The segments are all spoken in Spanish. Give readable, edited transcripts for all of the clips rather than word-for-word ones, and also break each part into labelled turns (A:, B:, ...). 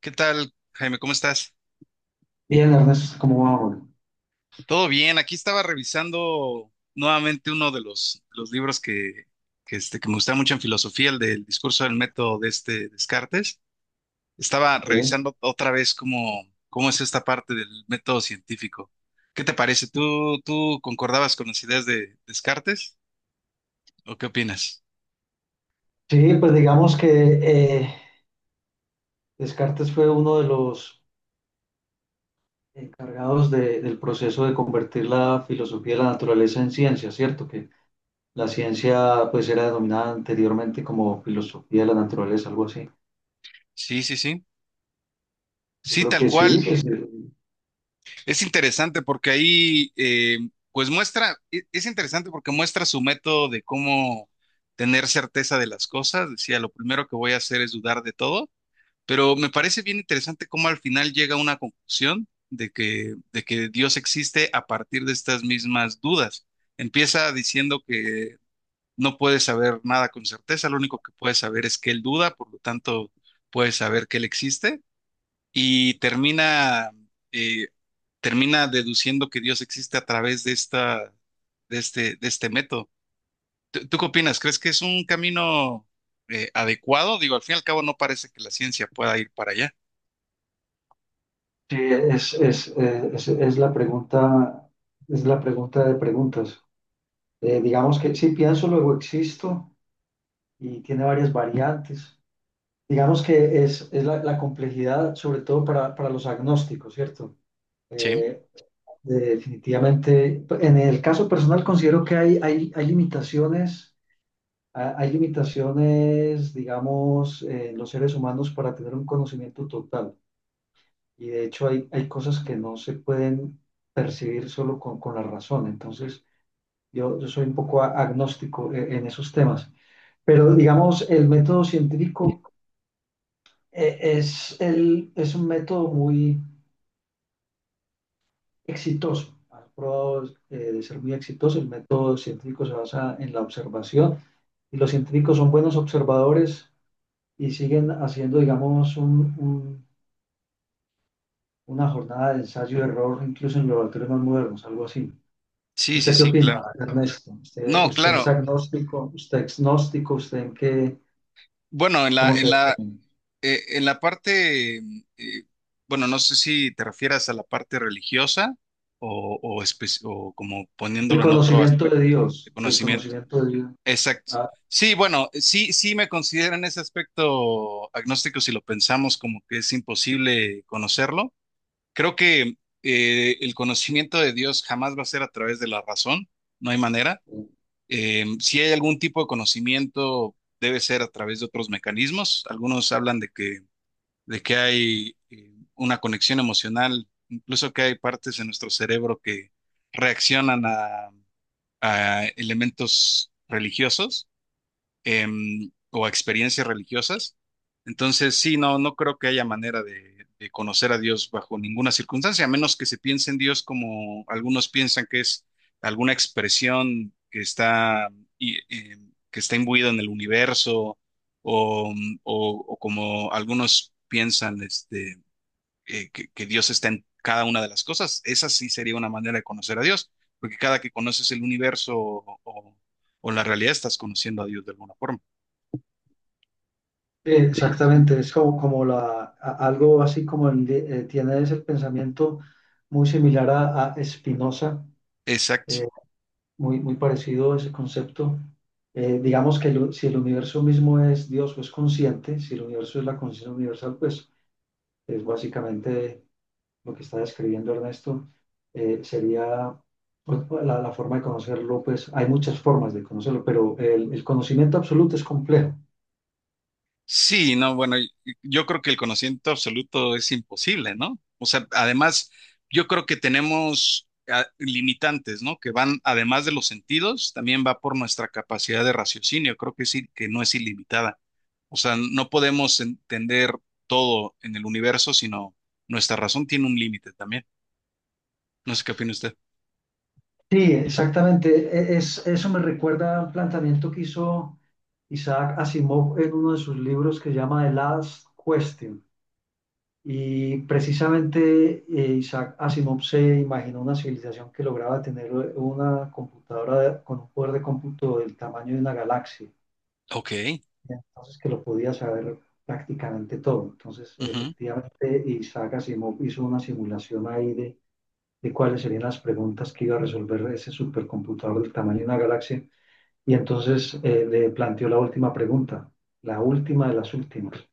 A: ¿Qué tal, Jaime? ¿Cómo estás?
B: Bien, Ernesto, ¿cómo va, Juan?
A: Todo bien. Aquí estaba revisando nuevamente uno de los libros que me gusta mucho en filosofía, el del discurso del método de este Descartes. Estaba
B: Bien.
A: revisando otra vez cómo, cómo es esta parte del método científico. ¿Qué te parece? ¿Tú concordabas con las ideas de Descartes? ¿O qué opinas?
B: Sí, pues digamos que eh, Descartes fue uno de los encargados del proceso de convertir la filosofía de la naturaleza en ciencia, ¿cierto? Que la ciencia pues era denominada anteriormente como filosofía de la naturaleza, algo así.
A: Sí, sí, sí.
B: Yo
A: Sí,
B: creo
A: tal
B: que sí,
A: cual.
B: pues sí, pues,
A: Es interesante porque ahí, pues muestra, es interesante porque muestra su método de cómo tener certeza de las cosas. Decía, lo primero que voy a hacer es dudar de todo, pero me parece bien interesante cómo al final llega a una conclusión de que Dios existe a partir de estas mismas dudas. Empieza diciendo que no puedes saber nada con certeza, lo único que puedes saber es que Él duda, por lo tanto, puedes saber que Él existe y termina, eh, termina deduciendo que Dios existe a través de esta, de este método. ¿Tú qué opinas? ¿Crees que es un camino adecuado? Digo, al fin y al cabo no parece que la ciencia pueda ir para allá.
B: sí, es la pregunta de preguntas. Digamos que sí, pienso, luego existo y tiene varias variantes. Digamos que es la complejidad, sobre todo para los agnósticos, ¿cierto?
A: Sí,
B: Eh, Definitivamente, en el caso personal considero que hay limitaciones, hay limitaciones, digamos, en los seres humanos para tener un conocimiento total. Y de hecho hay cosas que no se pueden percibir solo con la razón. Entonces, yo soy un poco agnóstico en esos temas. Pero digamos, el método científico es un método muy exitoso. Has probado de ser muy exitoso. El método científico se basa en la observación y los científicos son buenos observadores y siguen haciendo, digamos, una jornada de ensayo-error, incluso en los laboratorios más modernos, algo así.
A: sí, sí,
B: ¿Usted qué
A: sí,
B: opina,
A: claro.
B: Ernesto?
A: No,
B: Usted es
A: claro.
B: agnóstico? ¿Usted es agnóstico? ¿Usted en qué?
A: Bueno,
B: ¿Cómo se... ve?
A: en la parte, eh, bueno, no sé si te refieras a la parte religiosa o, o como
B: El
A: poniéndolo en otro
B: conocimiento
A: aspecto
B: de
A: de
B: Dios, del
A: conocimiento.
B: conocimiento de Dios.
A: Exacto.
B: Ah,
A: Sí, bueno, sí, sí me considero en ese aspecto agnóstico si lo pensamos como que es imposible conocerlo. Creo que el conocimiento de Dios jamás va a ser a través de la razón, no hay manera. Si hay algún tipo de conocimiento, debe ser a través de otros mecanismos. Algunos hablan de que hay una conexión emocional, incluso que hay partes en nuestro cerebro que reaccionan a elementos religiosos o a experiencias religiosas. Entonces, sí, no creo que haya manera de conocer a Dios bajo ninguna circunstancia, a menos que se piense en Dios como algunos piensan que es alguna expresión que está, y, eh, que está imbuida en el universo, o, o como algunos piensan este, que Dios está en cada una de las cosas. Esa sí sería una manera de conocer a Dios, porque cada que conoces el universo o, o la realidad estás conociendo a Dios de alguna forma.
B: Exactamente, es como, como algo así como tienes el pensamiento muy similar a Spinoza,
A: Exacto.
B: eh, muy parecido a ese concepto. Digamos que si el universo mismo es Dios o es consciente, si el universo es la conciencia universal, pues es básicamente lo que está describiendo Ernesto, sería pues, la forma de conocerlo, pues hay muchas formas de conocerlo, pero el conocimiento absoluto es complejo.
A: Sí, no, bueno, yo creo que el conocimiento absoluto es imposible, ¿no? O sea, además, yo creo que tenemos limitantes, ¿no? Que van, además de los sentidos, también va por nuestra capacidad de raciocinio. Creo que sí, que no es ilimitada. O sea, no podemos entender todo en el universo, sino nuestra razón tiene un límite también. No sé qué opina usted.
B: Sí, exactamente. Es, eso me recuerda a un planteamiento que hizo Isaac Asimov en uno de sus libros que se llama The Last Question. Y precisamente Isaac Asimov se imaginó una civilización que lograba tener una computadora con un poder de cómputo del tamaño de una galaxia.
A: Ok,
B: Entonces, que lo podía saber prácticamente todo. Entonces,
A: ujú,
B: efectivamente, Isaac Asimov hizo una simulación ahí de cuáles serían las preguntas que iba a resolver ese supercomputador del tamaño de una galaxia. Y entonces le planteó la última pregunta, la última de las últimas.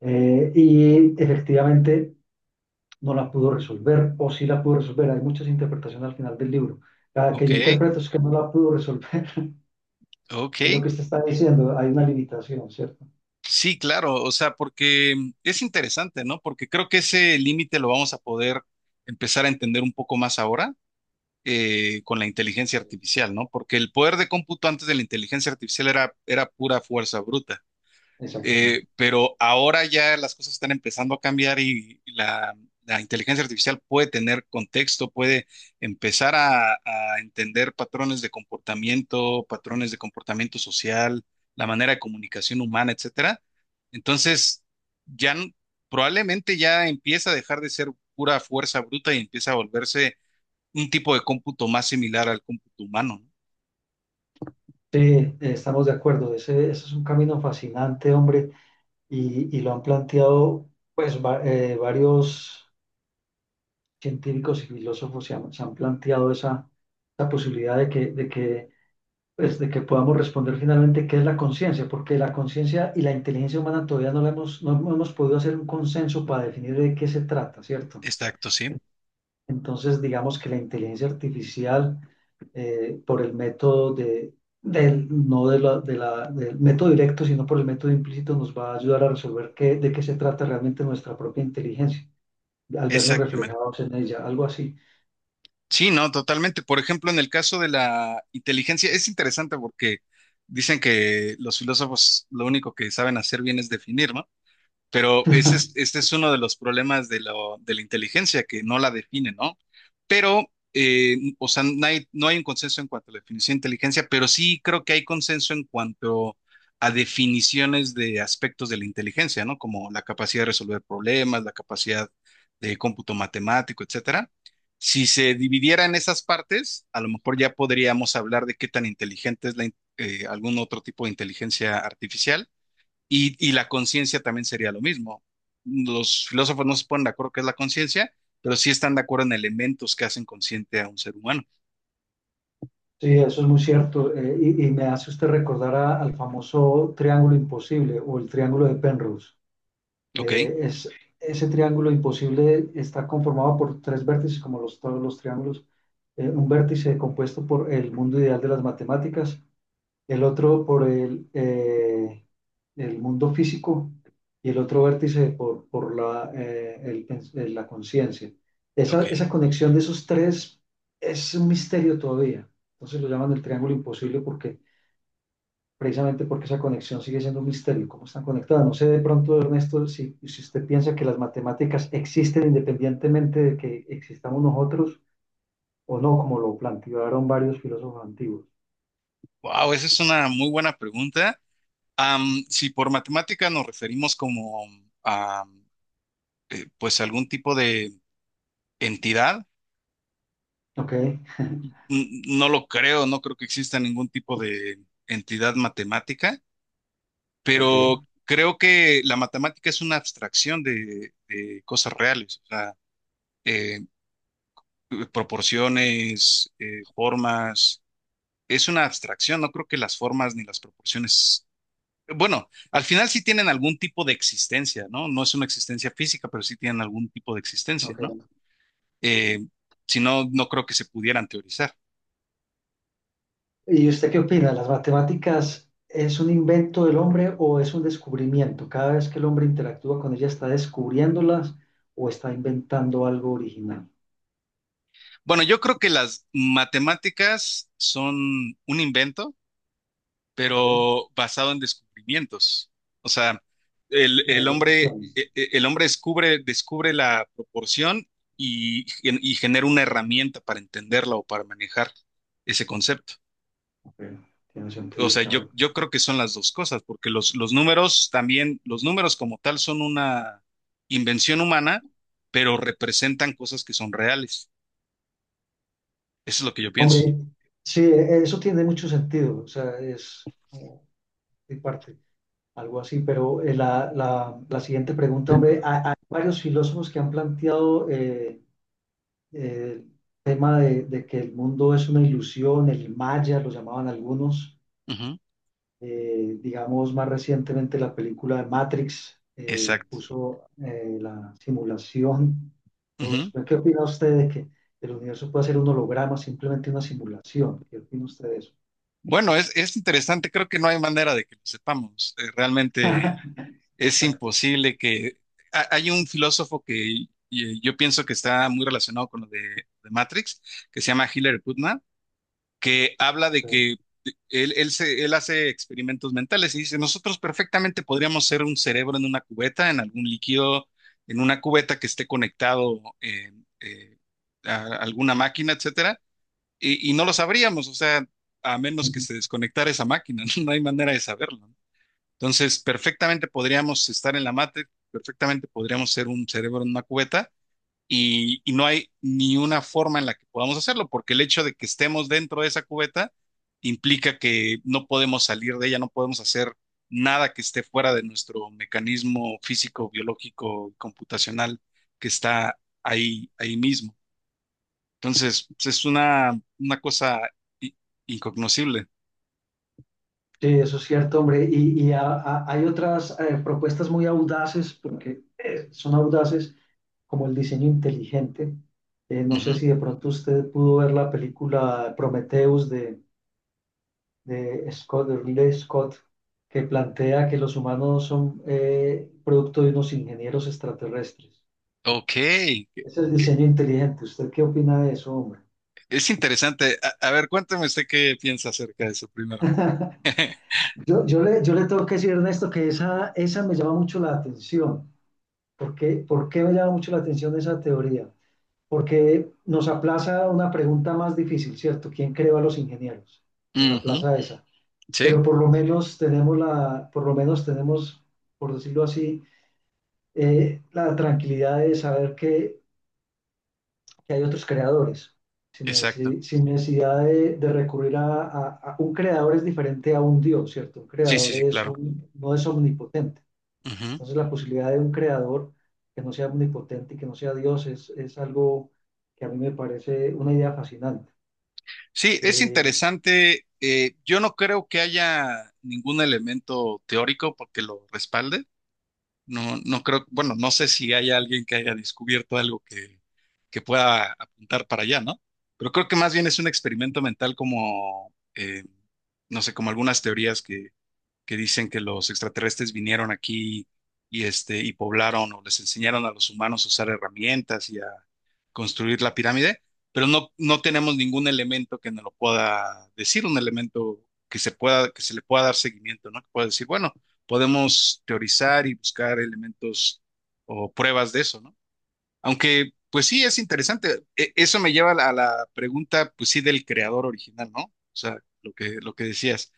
B: Y efectivamente no la pudo resolver, o sí la pudo resolver. Hay muchas interpretaciones al final del libro. La que yo
A: ok,
B: interpreto es que no la pudo resolver. Es lo
A: ok.
B: que usted está diciendo, hay una limitación, ¿cierto?
A: Sí, claro, o sea, porque es interesante, ¿no? Porque creo que ese límite lo vamos a poder empezar a entender un poco más ahora con la inteligencia
B: Sí.
A: artificial, ¿no? Porque el poder de cómputo antes de la inteligencia artificial era, era pura fuerza bruta.
B: Exacto.
A: Pero ahora ya las cosas están empezando a cambiar y la inteligencia artificial puede tener contexto, puede empezar a entender
B: Sí,
A: patrones de comportamiento social, la manera de comunicación humana, etcétera. Entonces, ya n- probablemente ya empieza a dejar de ser pura fuerza bruta y empieza a volverse un tipo de cómputo más similar al cómputo humano, ¿no?
B: estamos de acuerdo. Ese es un camino fascinante, hombre. Y lo han planteado, pues varios científicos y filósofos se han planteado esa posibilidad pues, de que podamos responder finalmente qué es la conciencia, porque la conciencia y la inteligencia humana todavía no la hemos, no hemos podido hacer un consenso para definir de qué se trata, ¿cierto?
A: Exacto, sí.
B: Entonces, digamos que la inteligencia artificial por el método de, del, no de la, de la- del método directo, sino por el método implícito, nos va a ayudar a resolver qué, de qué se trata realmente nuestra propia inteligencia, al vernos
A: Exactamente.
B: reflejados en ella, algo así.
A: Sí, no, totalmente. Por ejemplo, en el caso de la inteligencia, es interesante porque dicen que los filósofos lo único que saben hacer bien es definir, ¿no? Pero ese es, este es uno de los problemas de, de la inteligencia, que no la define, ¿no? Pero, o sea, no hay, no hay un consenso en cuanto a la definición de inteligencia, pero sí creo que hay consenso en cuanto a definiciones de aspectos de la inteligencia, ¿no? Como la capacidad de resolver problemas, la capacidad de cómputo matemático, etcétera. Si se dividiera en esas partes, a lo mejor ya podríamos hablar de qué tan inteligente es algún otro tipo de inteligencia artificial y la conciencia también sería lo mismo. Los filósofos no se ponen de acuerdo qué es la conciencia, pero sí están de acuerdo en elementos que hacen consciente a un ser humano.
B: Sí, eso es muy cierto. Y me hace usted recordar al famoso triángulo imposible o el triángulo de Penrose.
A: Ok,
B: Eh, es, Ese triángulo imposible está conformado por tres vértices, como los, todos los triángulos. Un vértice compuesto por el mundo ideal de las matemáticas, el otro por el mundo físico y el otro vértice por la conciencia.
A: ok.
B: Esa conexión de esos tres es un misterio todavía. Entonces lo llaman el triángulo imposible porque precisamente porque esa conexión sigue siendo un misterio, cómo están conectadas. No sé de pronto, Ernesto, si usted piensa que las matemáticas existen independientemente de que existamos nosotros o no, como lo plantearon varios filósofos antiguos.
A: Wow, esa es una muy buena pregunta. Am, si por matemática nos referimos como a pues algún tipo de entidad,
B: Ok,
A: no lo creo, no creo que exista ningún tipo de entidad matemática,
B: ok,
A: pero creo que la matemática es una abstracción de cosas reales. O sea, eh, proporciones, formas. Es una abstracción, no creo que las formas ni las proporciones. Bueno, al final sí tienen algún tipo de existencia, ¿no? No es una existencia física, pero sí tienen algún tipo de existencia, ¿no?
B: ok.
A: Eh, si no, no creo que se pudieran teorizar.
B: ¿Y usted qué opina? ¿Las matemáticas es un invento del hombre o es un descubrimiento? Cada vez que el hombre interactúa con ella, ¿está descubriéndolas o está inventando algo original?
A: Bueno, yo creo que las matemáticas son un invento
B: ¿Ok?
A: pero basado en descubrimientos. O sea,
B: Las dos opciones.
A: el hombre descubre, descubre la proporción y genera una herramienta para entenderla o para manejar ese concepto.
B: Ok, tiene
A: O
B: sentido,
A: sea,
B: claro.
A: yo creo que son las dos cosas, porque los números también, los números como tal son una invención humana, pero representan cosas que son reales. Eso es lo que yo pienso.
B: Hombre, sí, eso tiene mucho sentido. O sea, es como de parte, algo así. Pero la siguiente pregunta, hombre, hay varios filósofos que han planteado... eh, tema de que el mundo es una ilusión, el Maya lo llamaban algunos,
A: Ujú,
B: digamos más recientemente la película de Matrix
A: Exacto.
B: puso la simulación. Entonces,
A: Ujú.
B: pues, ¿qué opina usted de que el universo puede ser un holograma, simplemente una simulación? ¿Qué opina usted de eso?
A: Bueno, es interesante, creo que no hay manera de que lo sepamos. Realmente es
B: Exacto.
A: imposible que... Hay un filósofo que yo pienso que está muy relacionado con lo de Matrix, que se llama Hillary Putnam, que habla de que
B: Ok.
A: él hace experimentos mentales y dice, nosotros perfectamente podríamos ser un cerebro en una cubeta, en algún líquido, en una cubeta que esté conectado eh, a alguna máquina, etcétera y no lo sabríamos, o sea, a menos que
B: Ujú.
A: se desconectara esa máquina, no hay manera de saberlo. ¿No? Entonces, perfectamente podríamos estar en la mate, perfectamente podríamos ser un cerebro en una cubeta y no hay ni una forma en la que podamos hacerlo, porque el hecho de que estemos dentro de esa cubeta implica que no podemos salir de ella, no podemos hacer nada que esté fuera de nuestro mecanismo físico, biológico, computacional que está ahí, ahí mismo. Entonces, pues, es una cosa i- incognoscible.
B: Sí, eso es cierto, hombre. Hay otras propuestas muy audaces, porque son audaces, como el diseño inteligente. No sé
A: Ujú.
B: si de pronto usted pudo ver la película Prometheus de Scott, de Ridley Scott, que plantea que los humanos son producto de unos ingenieros extraterrestres.
A: Ok, que-
B: Ese es el
A: que-
B: diseño inteligente. ¿Usted qué opina de eso, hombre?
A: es interesante. A ver, cuéntame usted qué piensa acerca de eso primero.
B: Yo le tengo que decir, Ernesto, que esa me llama mucho la atención. Por qué me llama mucho la atención esa teoría? Porque nos aplaza una pregunta más difícil, ¿cierto? ¿Quién creó a los ingenieros? Nos
A: Ujú,
B: aplaza esa.
A: Sí,
B: Pero por lo menos tenemos por lo menos tenemos, por decirlo así, la tranquilidad de saber que hay otros creadores,
A: exacto.
B: sin necesidad de recurrir un creador es diferente a un Dios, ¿cierto? Un
A: Sí, sí,
B: creador
A: sí,
B: es
A: claro.
B: un, no es omnipotente.
A: Ujú.
B: Entonces la posibilidad de un creador que no sea omnipotente y que no sea Dios es algo que a mí me parece una idea fascinante.
A: Sí, es
B: Eh,
A: interesante. Yo no creo que haya ningún elemento teórico porque lo respalde. No, no creo, bueno, no sé si hay alguien que haya descubierto algo que pueda apuntar para allá, ¿no? Pero creo que más bien es un experimento mental como, no sé, como algunas teorías que dicen que los extraterrestres vinieron aquí y y poblaron o les enseñaron a los humanos a usar herramientas y a construir la pirámide, pero no, no tenemos ningún elemento que nos lo pueda decir, un elemento que se pueda, que se le pueda dar seguimiento, ¿no? Que pueda decir, bueno, podemos teorizar y buscar elementos o pruebas de eso, ¿no? Aunque, pues sí, es interesante. Eso me lleva a la pregunta, pues sí, del creador original, ¿no? O sea, lo que decías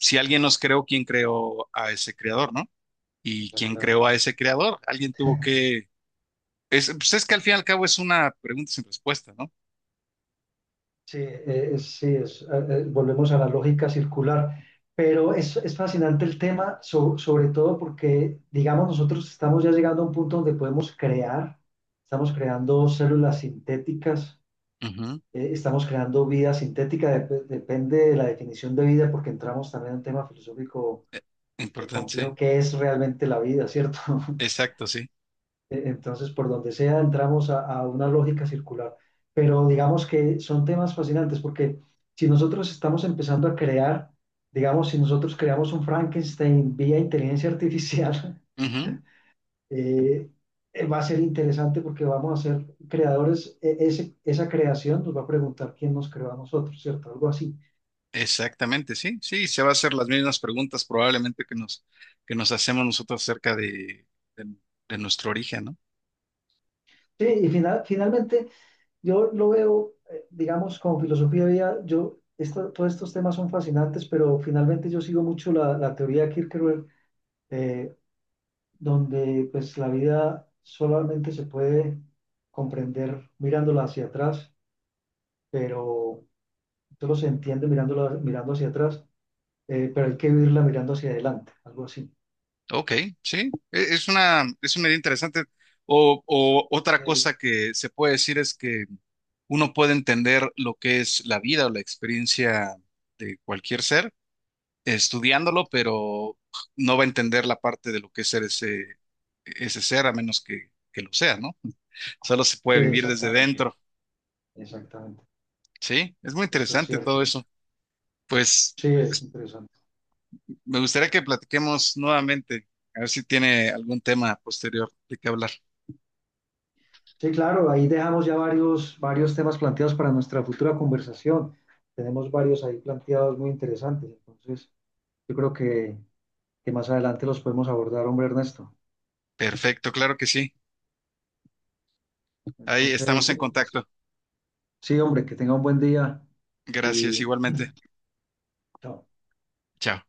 A: si alguien nos creó, ¿quién creó a ese creador, no? ¿Y quién creó a ese
B: Exactamente.
A: creador? Alguien tuvo que... Es, pues es que al fin y al cabo es una pregunta sin respuesta, ¿no?
B: Sí, volvemos a la lógica circular, pero es fascinante el tema, sobre todo porque, digamos, nosotros estamos ya llegando a un punto donde podemos crear, estamos creando células sintéticas,
A: Ujú.
B: estamos creando vida sintética, depende de la definición de vida, porque entramos también en un tema filosófico
A: Eh, Importante,
B: complejo,
A: sí.
B: ¿qué es realmente la vida, cierto?
A: Exacto, sí.
B: Entonces, por donde sea, entramos a una lógica circular. Pero digamos que son temas fascinantes porque si nosotros estamos empezando a crear, digamos, si nosotros creamos un Frankenstein vía inteligencia artificial,
A: Ujú.
B: eh, va a ser interesante porque vamos a ser creadores. Esa creación nos va a preguntar quién nos creó a nosotros, ¿cierto? Algo así.
A: Exactamente, sí. Sí, se va a hacer las mismas preguntas probablemente que que nos hacemos nosotros acerca de, de nuestro origen, ¿no?
B: Sí, y finalmente... Yo lo veo, digamos, como filosofía de vida, yo, todos estos temas son fascinantes, pero finalmente yo sigo mucho la teoría de Kierkegaard, eh, donde pues la vida solamente se puede comprender mirándola hacia atrás, pero solo se entiende mirándola, mirando hacia atrás, pero hay que vivirla mirando hacia adelante, algo así.
A: Ok, sí, es una idea interesante.
B: Es
A: O otra
B: de-
A: cosa que se puede decir es que uno puede entender lo que es la vida o la experiencia de cualquier ser estudiándolo, pero no va a entender la parte de lo que es ser ese, ese ser a menos que lo sea, ¿no? Solo se puede
B: sí,
A: vivir desde
B: exactamente,
A: dentro,
B: exactamente.
A: ¿sí? Es muy
B: Eso es
A: interesante
B: cierto.
A: todo eso. Pues
B: Sí, es interesante.
A: me gustaría que platiquemos nuevamente, a ver si tiene algún tema posterior de qué hablar.
B: Sí, claro, ahí dejamos ya varios temas planteados para nuestra futura conversación. Tenemos varios ahí planteados muy interesantes, entonces yo creo que más adelante los podemos abordar, hombre Ernesto.
A: Perfecto, claro que sí.
B: Sí.
A: Ahí estamos
B: Entonces,
A: en contacto.
B: sí, hombre, que tenga un buen día
A: Gracias,
B: y
A: igualmente.
B: chao.
A: Chao.